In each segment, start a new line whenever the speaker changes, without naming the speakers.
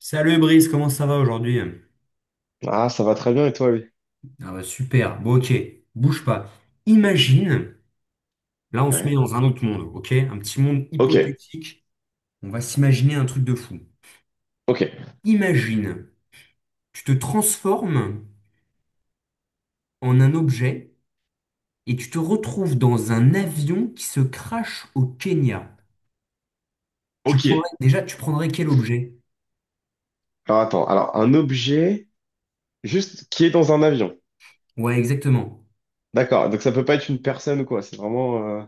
Salut Brice, comment ça va aujourd'hui?
Ah, ça va très bien et toi, lui?
Ah bah super, bon ok, bouge pas. Imagine, là on se met
Ouais.
dans un autre monde, ok? Un petit monde
Ok,
hypothétique, on va s'imaginer un truc de fou.
ok,
Imagine, tu te transformes en un objet et tu te retrouves dans un avion qui se crache au Kenya. Tu
ok.
prendrais, déjà, tu prendrais quel objet?
Alors attends, alors un objet juste qui est dans un avion.
Ouais, exactement.
D'accord, donc ça peut pas être une personne ou quoi, c'est vraiment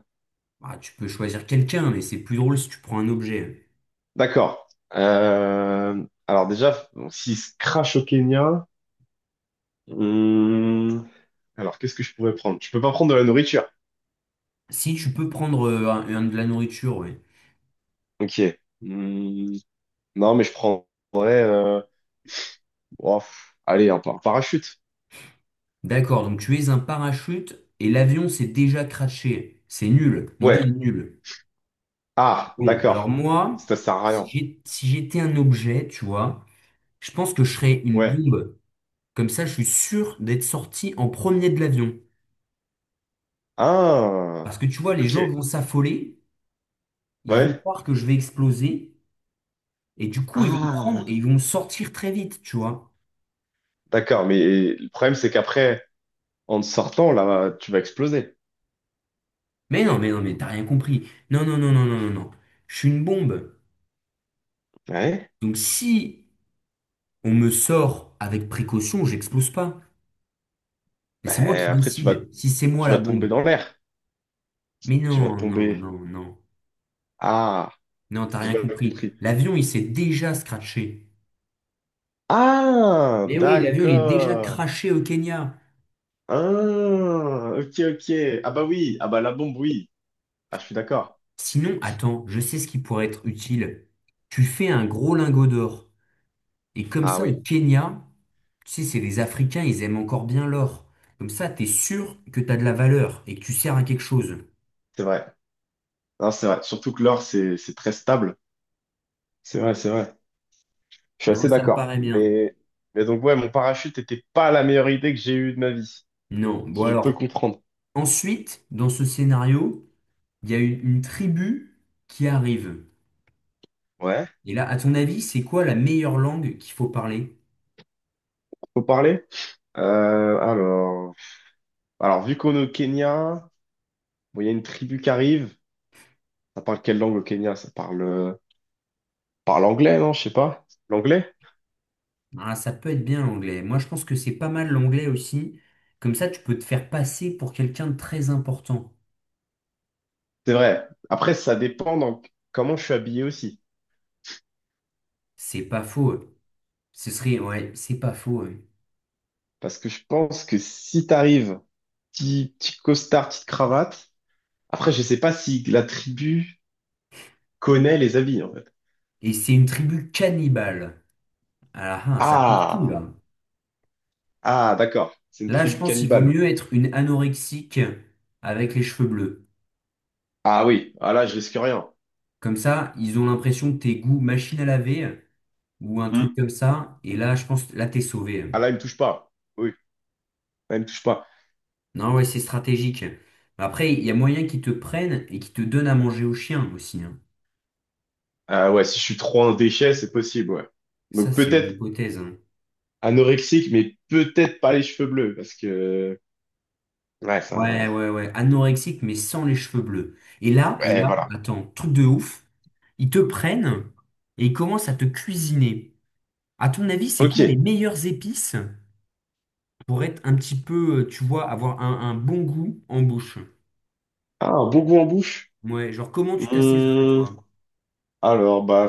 Ah, tu peux choisir quelqu'un, mais c'est plus drôle si tu prends un objet.
d'accord. Alors déjà, bon, s'il se crache au Kenya... hum, alors qu'est-ce que je pourrais prendre? Je peux pas prendre de la nourriture.
Si tu peux prendre un de la nourriture, ouais.
Ok. Hum, non, mais je prendrais... euh, oh, pff, allez, un parachute.
D'accord, donc tu es un parachute et l'avion s'est déjà craché. C'est nul, l'idée est
Ouais.
nulle.
Ah,
Bon, alors
d'accord.
moi,
Ça sert à rien.
si j'étais un objet, tu vois, je pense que je serais une
Ouais.
bombe. Comme ça, je suis sûr d'être sorti en premier de l'avion.
Ah,
Parce que tu vois, les gens
ok.
vont s'affoler, ils vont
Ouais.
croire que je vais exploser, et du coup, ils vont me prendre et
Ah,
ils vont me sortir très vite, tu vois.
d'accord, mais le problème, c'est qu'après, en te sortant, là, tu vas exploser.
Mais non, mais non, mais t'as rien compris. Non, non, non, non, non, non, non. Je suis une bombe.
Ouais.
Donc si on me sort avec précaution, j'explose pas. Mais c'est moi
Ben,
qui
après,
décide si c'est moi
tu
la
vas tomber
bombe.
dans l'air.
Mais
Tu
non,
vas
non,
tomber.
non, non.
Ah,
Non, t'as
j'ai
rien
mal
compris.
compris.
L'avion, il s'est déjà scratché.
Ah,
Mais oui, l'avion, il est déjà
d'accord.
craché au Kenya.
Ah, ok, ok. Ah bah oui, ah bah la bombe, oui. Ah, je suis d'accord.
Sinon, attends, je sais ce qui pourrait être utile. Tu fais un gros lingot d'or. Et comme
Ah
ça, au
oui,
Kenya, tu sais, c'est les Africains, ils aiment encore bien l'or. Comme ça, t'es sûr que t'as de la valeur et que tu sers à quelque chose.
c'est vrai. Non, c'est vrai. Surtout que l'or, c'est très stable. C'est vrai, c'est vrai. Je suis
Non,
assez
ça me
d'accord.
paraît bien.
Mais donc, ouais, mon parachute était pas la meilleure idée que j'ai eue de ma vie.
Non. Bon
Si je peux
alors,
comprendre.
ensuite, dans ce scénario, il y a une tribu qui arrive.
Ouais.
Et là, à ton avis, c'est quoi la meilleure langue qu'il faut parler?
Faut parler? Euh, alors, alors, vu qu'on est au Kenya, bon, il y a une tribu qui arrive. Ça parle quelle langue au Kenya? Ça parle, parle anglais, non? Je sais pas. L'anglais?
Ah, ça peut être bien l'anglais. Moi, je pense que c'est pas mal l'anglais aussi. Comme ça, tu peux te faire passer pour quelqu'un de très important.
C'est vrai. Après, ça dépend dans comment je suis habillé aussi.
C'est pas faux. Ce serait, ouais, c'est pas faux.
Parce que je pense que si t'arrives, petit, petit costard, petite cravate, après, je sais pas si la tribu connaît les habits, en fait.
Et c'est une tribu cannibale. Ah, ah, ah, ça peut tout,
Ah!
là.
Ah, d'accord. C'est une
Là, je
tribu
pense qu'il vaut
cannibale.
mieux être une anorexique avec les cheveux bleus.
Ah oui. Ah là, je risque rien.
Comme ça, ils ont l'impression que t'es goût machine à laver ou un truc
Mm.
comme ça. Et là, je pense, là, t'es
Ah
sauvé.
là, il me touche pas. Oui, elle me touche pas.
Non, ouais, c'est stratégique. Après, il y a moyen qu'ils te prennent et qu'ils te donnent à manger au chien aussi, hein.
Ah ouais, si je suis trop un déchet, c'est possible, ouais.
Ça,
Donc
c'est une
peut-être
hypothèse, hein.
anorexique, mais peut-être pas les cheveux bleus, parce que... ouais,
Ouais,
ça...
ouais, ouais. Anorexique, mais sans les cheveux bleus. Et
ouais,
là,
voilà.
attends, truc de ouf. Ils te prennent et ils commencent à te cuisiner. À ton avis, c'est quoi les
Ok.
meilleures épices pour être un petit peu, tu vois, avoir un bon goût en bouche?
Ah, un bon goût en bouche.
Ouais, genre comment tu t'assaisonnes,
Hmm,
toi?
Alors, bah,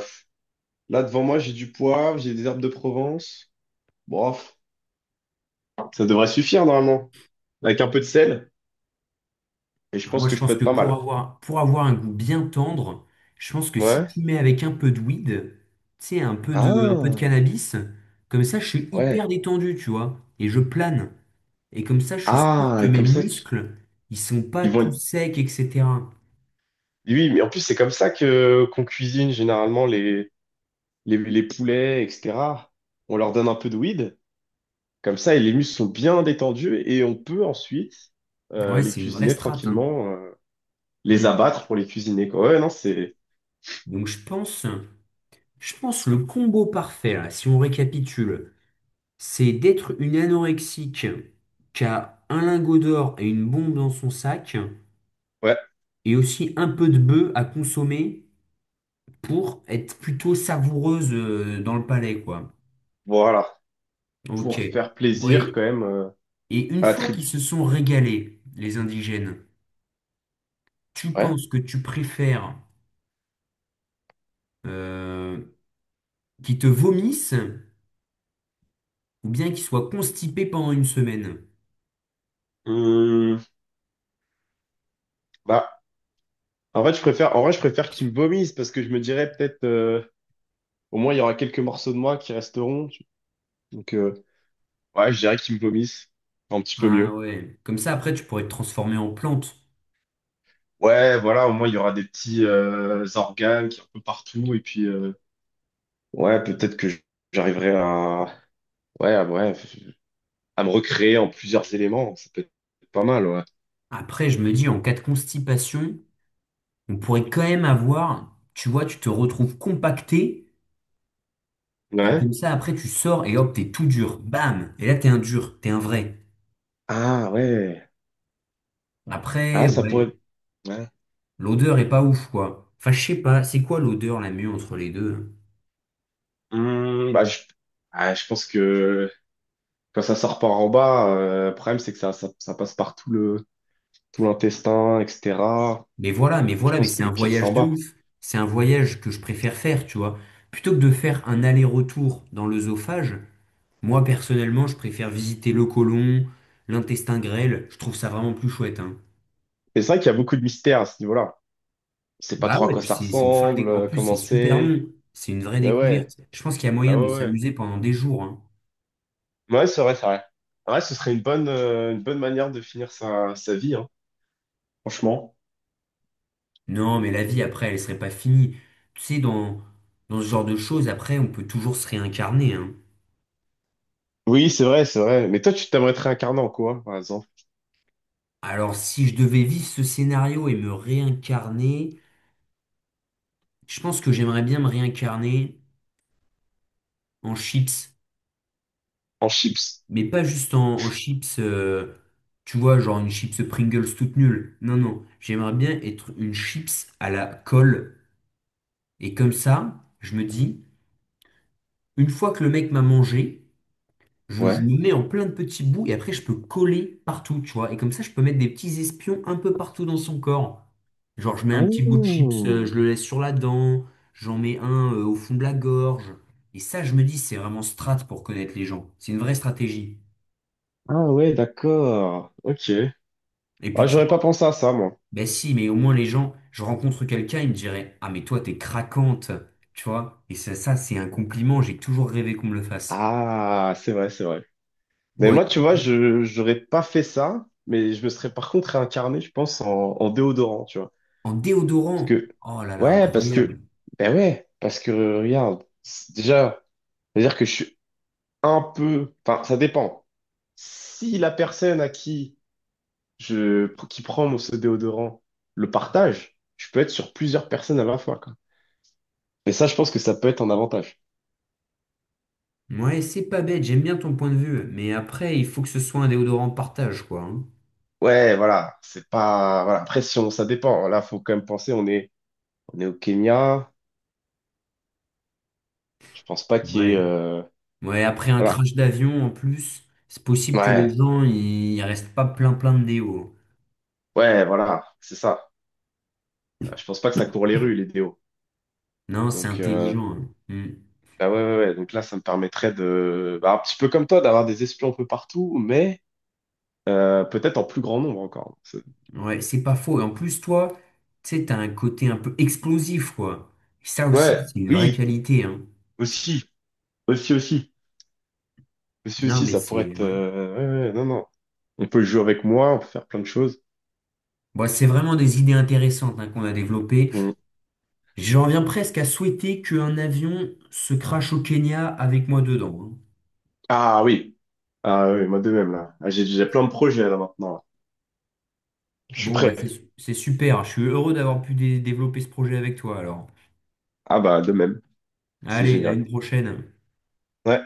là devant moi, j'ai du poivre, j'ai des herbes de Provence. Bof, ça devrait suffire normalement. Avec un peu de sel, et je
Alors moi,
pense que
je
je peux
pense
être
que
pas mal.
pour avoir un goût bien tendre, je pense que si
Ouais.
tu mets avec un peu de weed, tu sais, un peu de
Ah,
cannabis, comme ça, je suis hyper
ouais.
détendu, tu vois, et je plane. Et comme ça, je suis sûr
Ah,
que
et
mes
comme ça, tu-
muscles, ils sont pas
ils vont...
tout
être-
secs, etc.
oui, mais en plus, c'est comme ça que qu'on cuisine généralement les... les poulets, etc. On leur donne un peu de weed, comme ça, et les muscles sont bien détendus et on peut ensuite
Ouais,
les
c'est une vraie
cuisiner
strat, hein.
tranquillement, les
Mm.
abattre pour les cuisiner, quoi. Ouais, non, c'est...
Donc je pense le combo parfait, là, si on récapitule, c'est d'être une anorexique qui a un lingot d'or et une bombe dans son sac,
ouais,
et aussi un peu de bœuf à consommer pour être plutôt savoureuse dans le palais, quoi.
voilà.
Ok.
Pour faire plaisir
Oui.
quand même
Et une
à la
fois qu'ils
tribu.
se sont régalés, les indigènes, tu
Ouais.
penses que tu préfères euh, qu'ils te vomissent ou bien qu'ils soient constipés pendant une semaine?
Hum, bah, en vrai, je préfère qu'ils me vomissent parce que je me dirais peut-être au moins, il y aura quelques morceaux de moi qui resteront. Donc, ouais, je dirais qu'ils me vomissent un petit peu
Ah
mieux.
ouais. Comme ça, après, tu pourrais te transformer en plante.
Ouais, voilà, au moins il y aura des petits organes qui sont un peu partout et puis ouais, peut-être que j'arriverai à ouais, à, ouais, à me recréer en plusieurs éléments, ça peut être pas mal, ouais.
Après, je me dis, en cas de constipation, on pourrait quand même avoir, tu vois, tu te retrouves compacté. Et
Ouais.
comme ça, après, tu sors et hop, t'es tout dur. Bam! Et là, t'es un dur, t'es un vrai.
Ah ouais.
Ouais. Après,
Ah, ça
ouais,
pourrait ouais.
l'odeur est pas ouf, quoi. Enfin, je sais pas, c'est quoi l'odeur la mieux entre les deux, hein?
Hmm, bah je je pense que quand ça sort par en bas, le problème c'est que ça passe par tout le tout l'intestin, etc.
Mais voilà, mais
Je
voilà, mais
pense que
c'est un
le pire c'est
voyage
en
de
bas.
ouf. C'est un voyage que je préfère faire, tu vois. Plutôt que de faire un aller-retour dans l'œsophage, moi, personnellement, je préfère visiter le côlon, l'intestin grêle. Je trouve ça vraiment plus chouette, hein.
Mais c'est vrai qu'il y a beaucoup de mystères à ce niveau-là. On sait pas
Bah
trop à
ouais,
quoi
puis
ça
c'est une
ressemble,
En plus, c'est
comment
super
c'est.
long. C'est une vraie
Ben ouais.
découverte. Je pense qu'il y a
Bah
moyen de
ouais, ouais.
s'amuser pendant des jours, hein.
Ouais, c'est vrai, c'est vrai. Ouais, ce serait une bonne manière de finir sa vie, hein, franchement.
Non, mais la vie après, elle serait pas finie. Tu sais, dans ce genre de choses, après, on peut toujours se réincarner, hein.
Oui, c'est vrai, c'est vrai. Mais toi, tu t'aimerais te réincarner en quoi, par exemple?
Alors, si je devais vivre ce scénario et me réincarner, je pense que j'aimerais bien me réincarner en chips.
En chips?
Mais pas juste en chips, tu vois, genre une chips Pringles toute nulle. Non, non, j'aimerais bien être une chips à la colle. Et comme ça, je me dis, une fois que le mec m'a mangé, je
Ouais.
me mets en plein de petits bouts et après je peux coller partout, tu vois. Et comme ça, je peux mettre des petits espions un peu partout dans son corps. Genre, je mets
Ah,
un petit bout de chips, je le laisse sur la dent, j'en mets un au fond de la gorge. Et ça, je me dis, c'est vraiment strat pour connaître les gens. C'est une vraie stratégie.
ah ouais, d'accord. Ok.
Et
Ah,
puis tu
j'aurais
vois,
pas pensé à ça, moi.
bah si, mais au moins les gens, je rencontre quelqu'un, il me dirait, ah mais toi, t'es craquante, tu vois. Et ça, c'est un compliment, j'ai toujours rêvé qu'on me le fasse.
Ah, c'est vrai, c'est vrai. Mais
Bon, et-
moi, tu vois, je j'aurais pas fait ça, mais je me serais par contre réincarné, je pense, en déodorant, tu vois.
En
Parce
déodorant,
que,
oh là là,
ouais, parce
incroyable.
que, ben ouais, parce que, regarde, c'est- déjà, c'est-à-dire que je suis un peu, enfin, ça dépend. Si la personne à qui qui prend mon ce déodorant le partage, je peux être sur plusieurs personnes à la fois, quoi. Et ça, je pense que ça peut être un avantage.
Ouais, c'est pas bête, j'aime bien ton point de vue, mais après, il faut que ce soit un déodorant de partage, quoi, hein.
Ouais, voilà, c'est pas, voilà, après, si on- ça dépend. Là, faut quand même penser, on est au Kenya. Je pense pas qu'il y ait,
Ouais. Ouais, après un
voilà.
crash d'avion, en plus, c'est possible que les
Ouais,
gens, ils restent pas plein de déo.
ouais, voilà, c'est ça. Je pense pas que ça court les rues, les déos.
Non, c'est
Donc,
intelligent, hein.
bah ouais, ouais, ouais. Donc là, ça me permettrait de, bah, un petit peu comme toi, d'avoir des espions un peu partout, mais peut-être en plus grand nombre encore. C'est-
Hmm. Ouais, c'est pas faux. Et en plus, toi, tu sais, t'as un côté un peu explosif, quoi. Ça
ouais,
aussi, c'est une vraie
oui,
qualité, hein.
aussi, aussi, aussi, aussi,
Non,
aussi,
mais
ça pourrait
c'est...
être.
Ouais.
Ouais, ouais, non, non. On peut jouer avec moi, on peut faire plein de choses.
Bon, c'est vraiment des idées intéressantes, hein, qu'on a développées.
Mm.
J'en viens presque à souhaiter qu'un avion se crache au Kenya avec moi dedans, hein.
Ah oui, ah oui, moi de même là. Ah, j'ai plein de projets là maintenant. Là. Je suis
Bon, bah
prêt.
c'est super. Je suis heureux d'avoir pu développer ce projet avec toi alors.
Ah bah de même, c'est
Allez, à
génial.
une prochaine.
Ouais.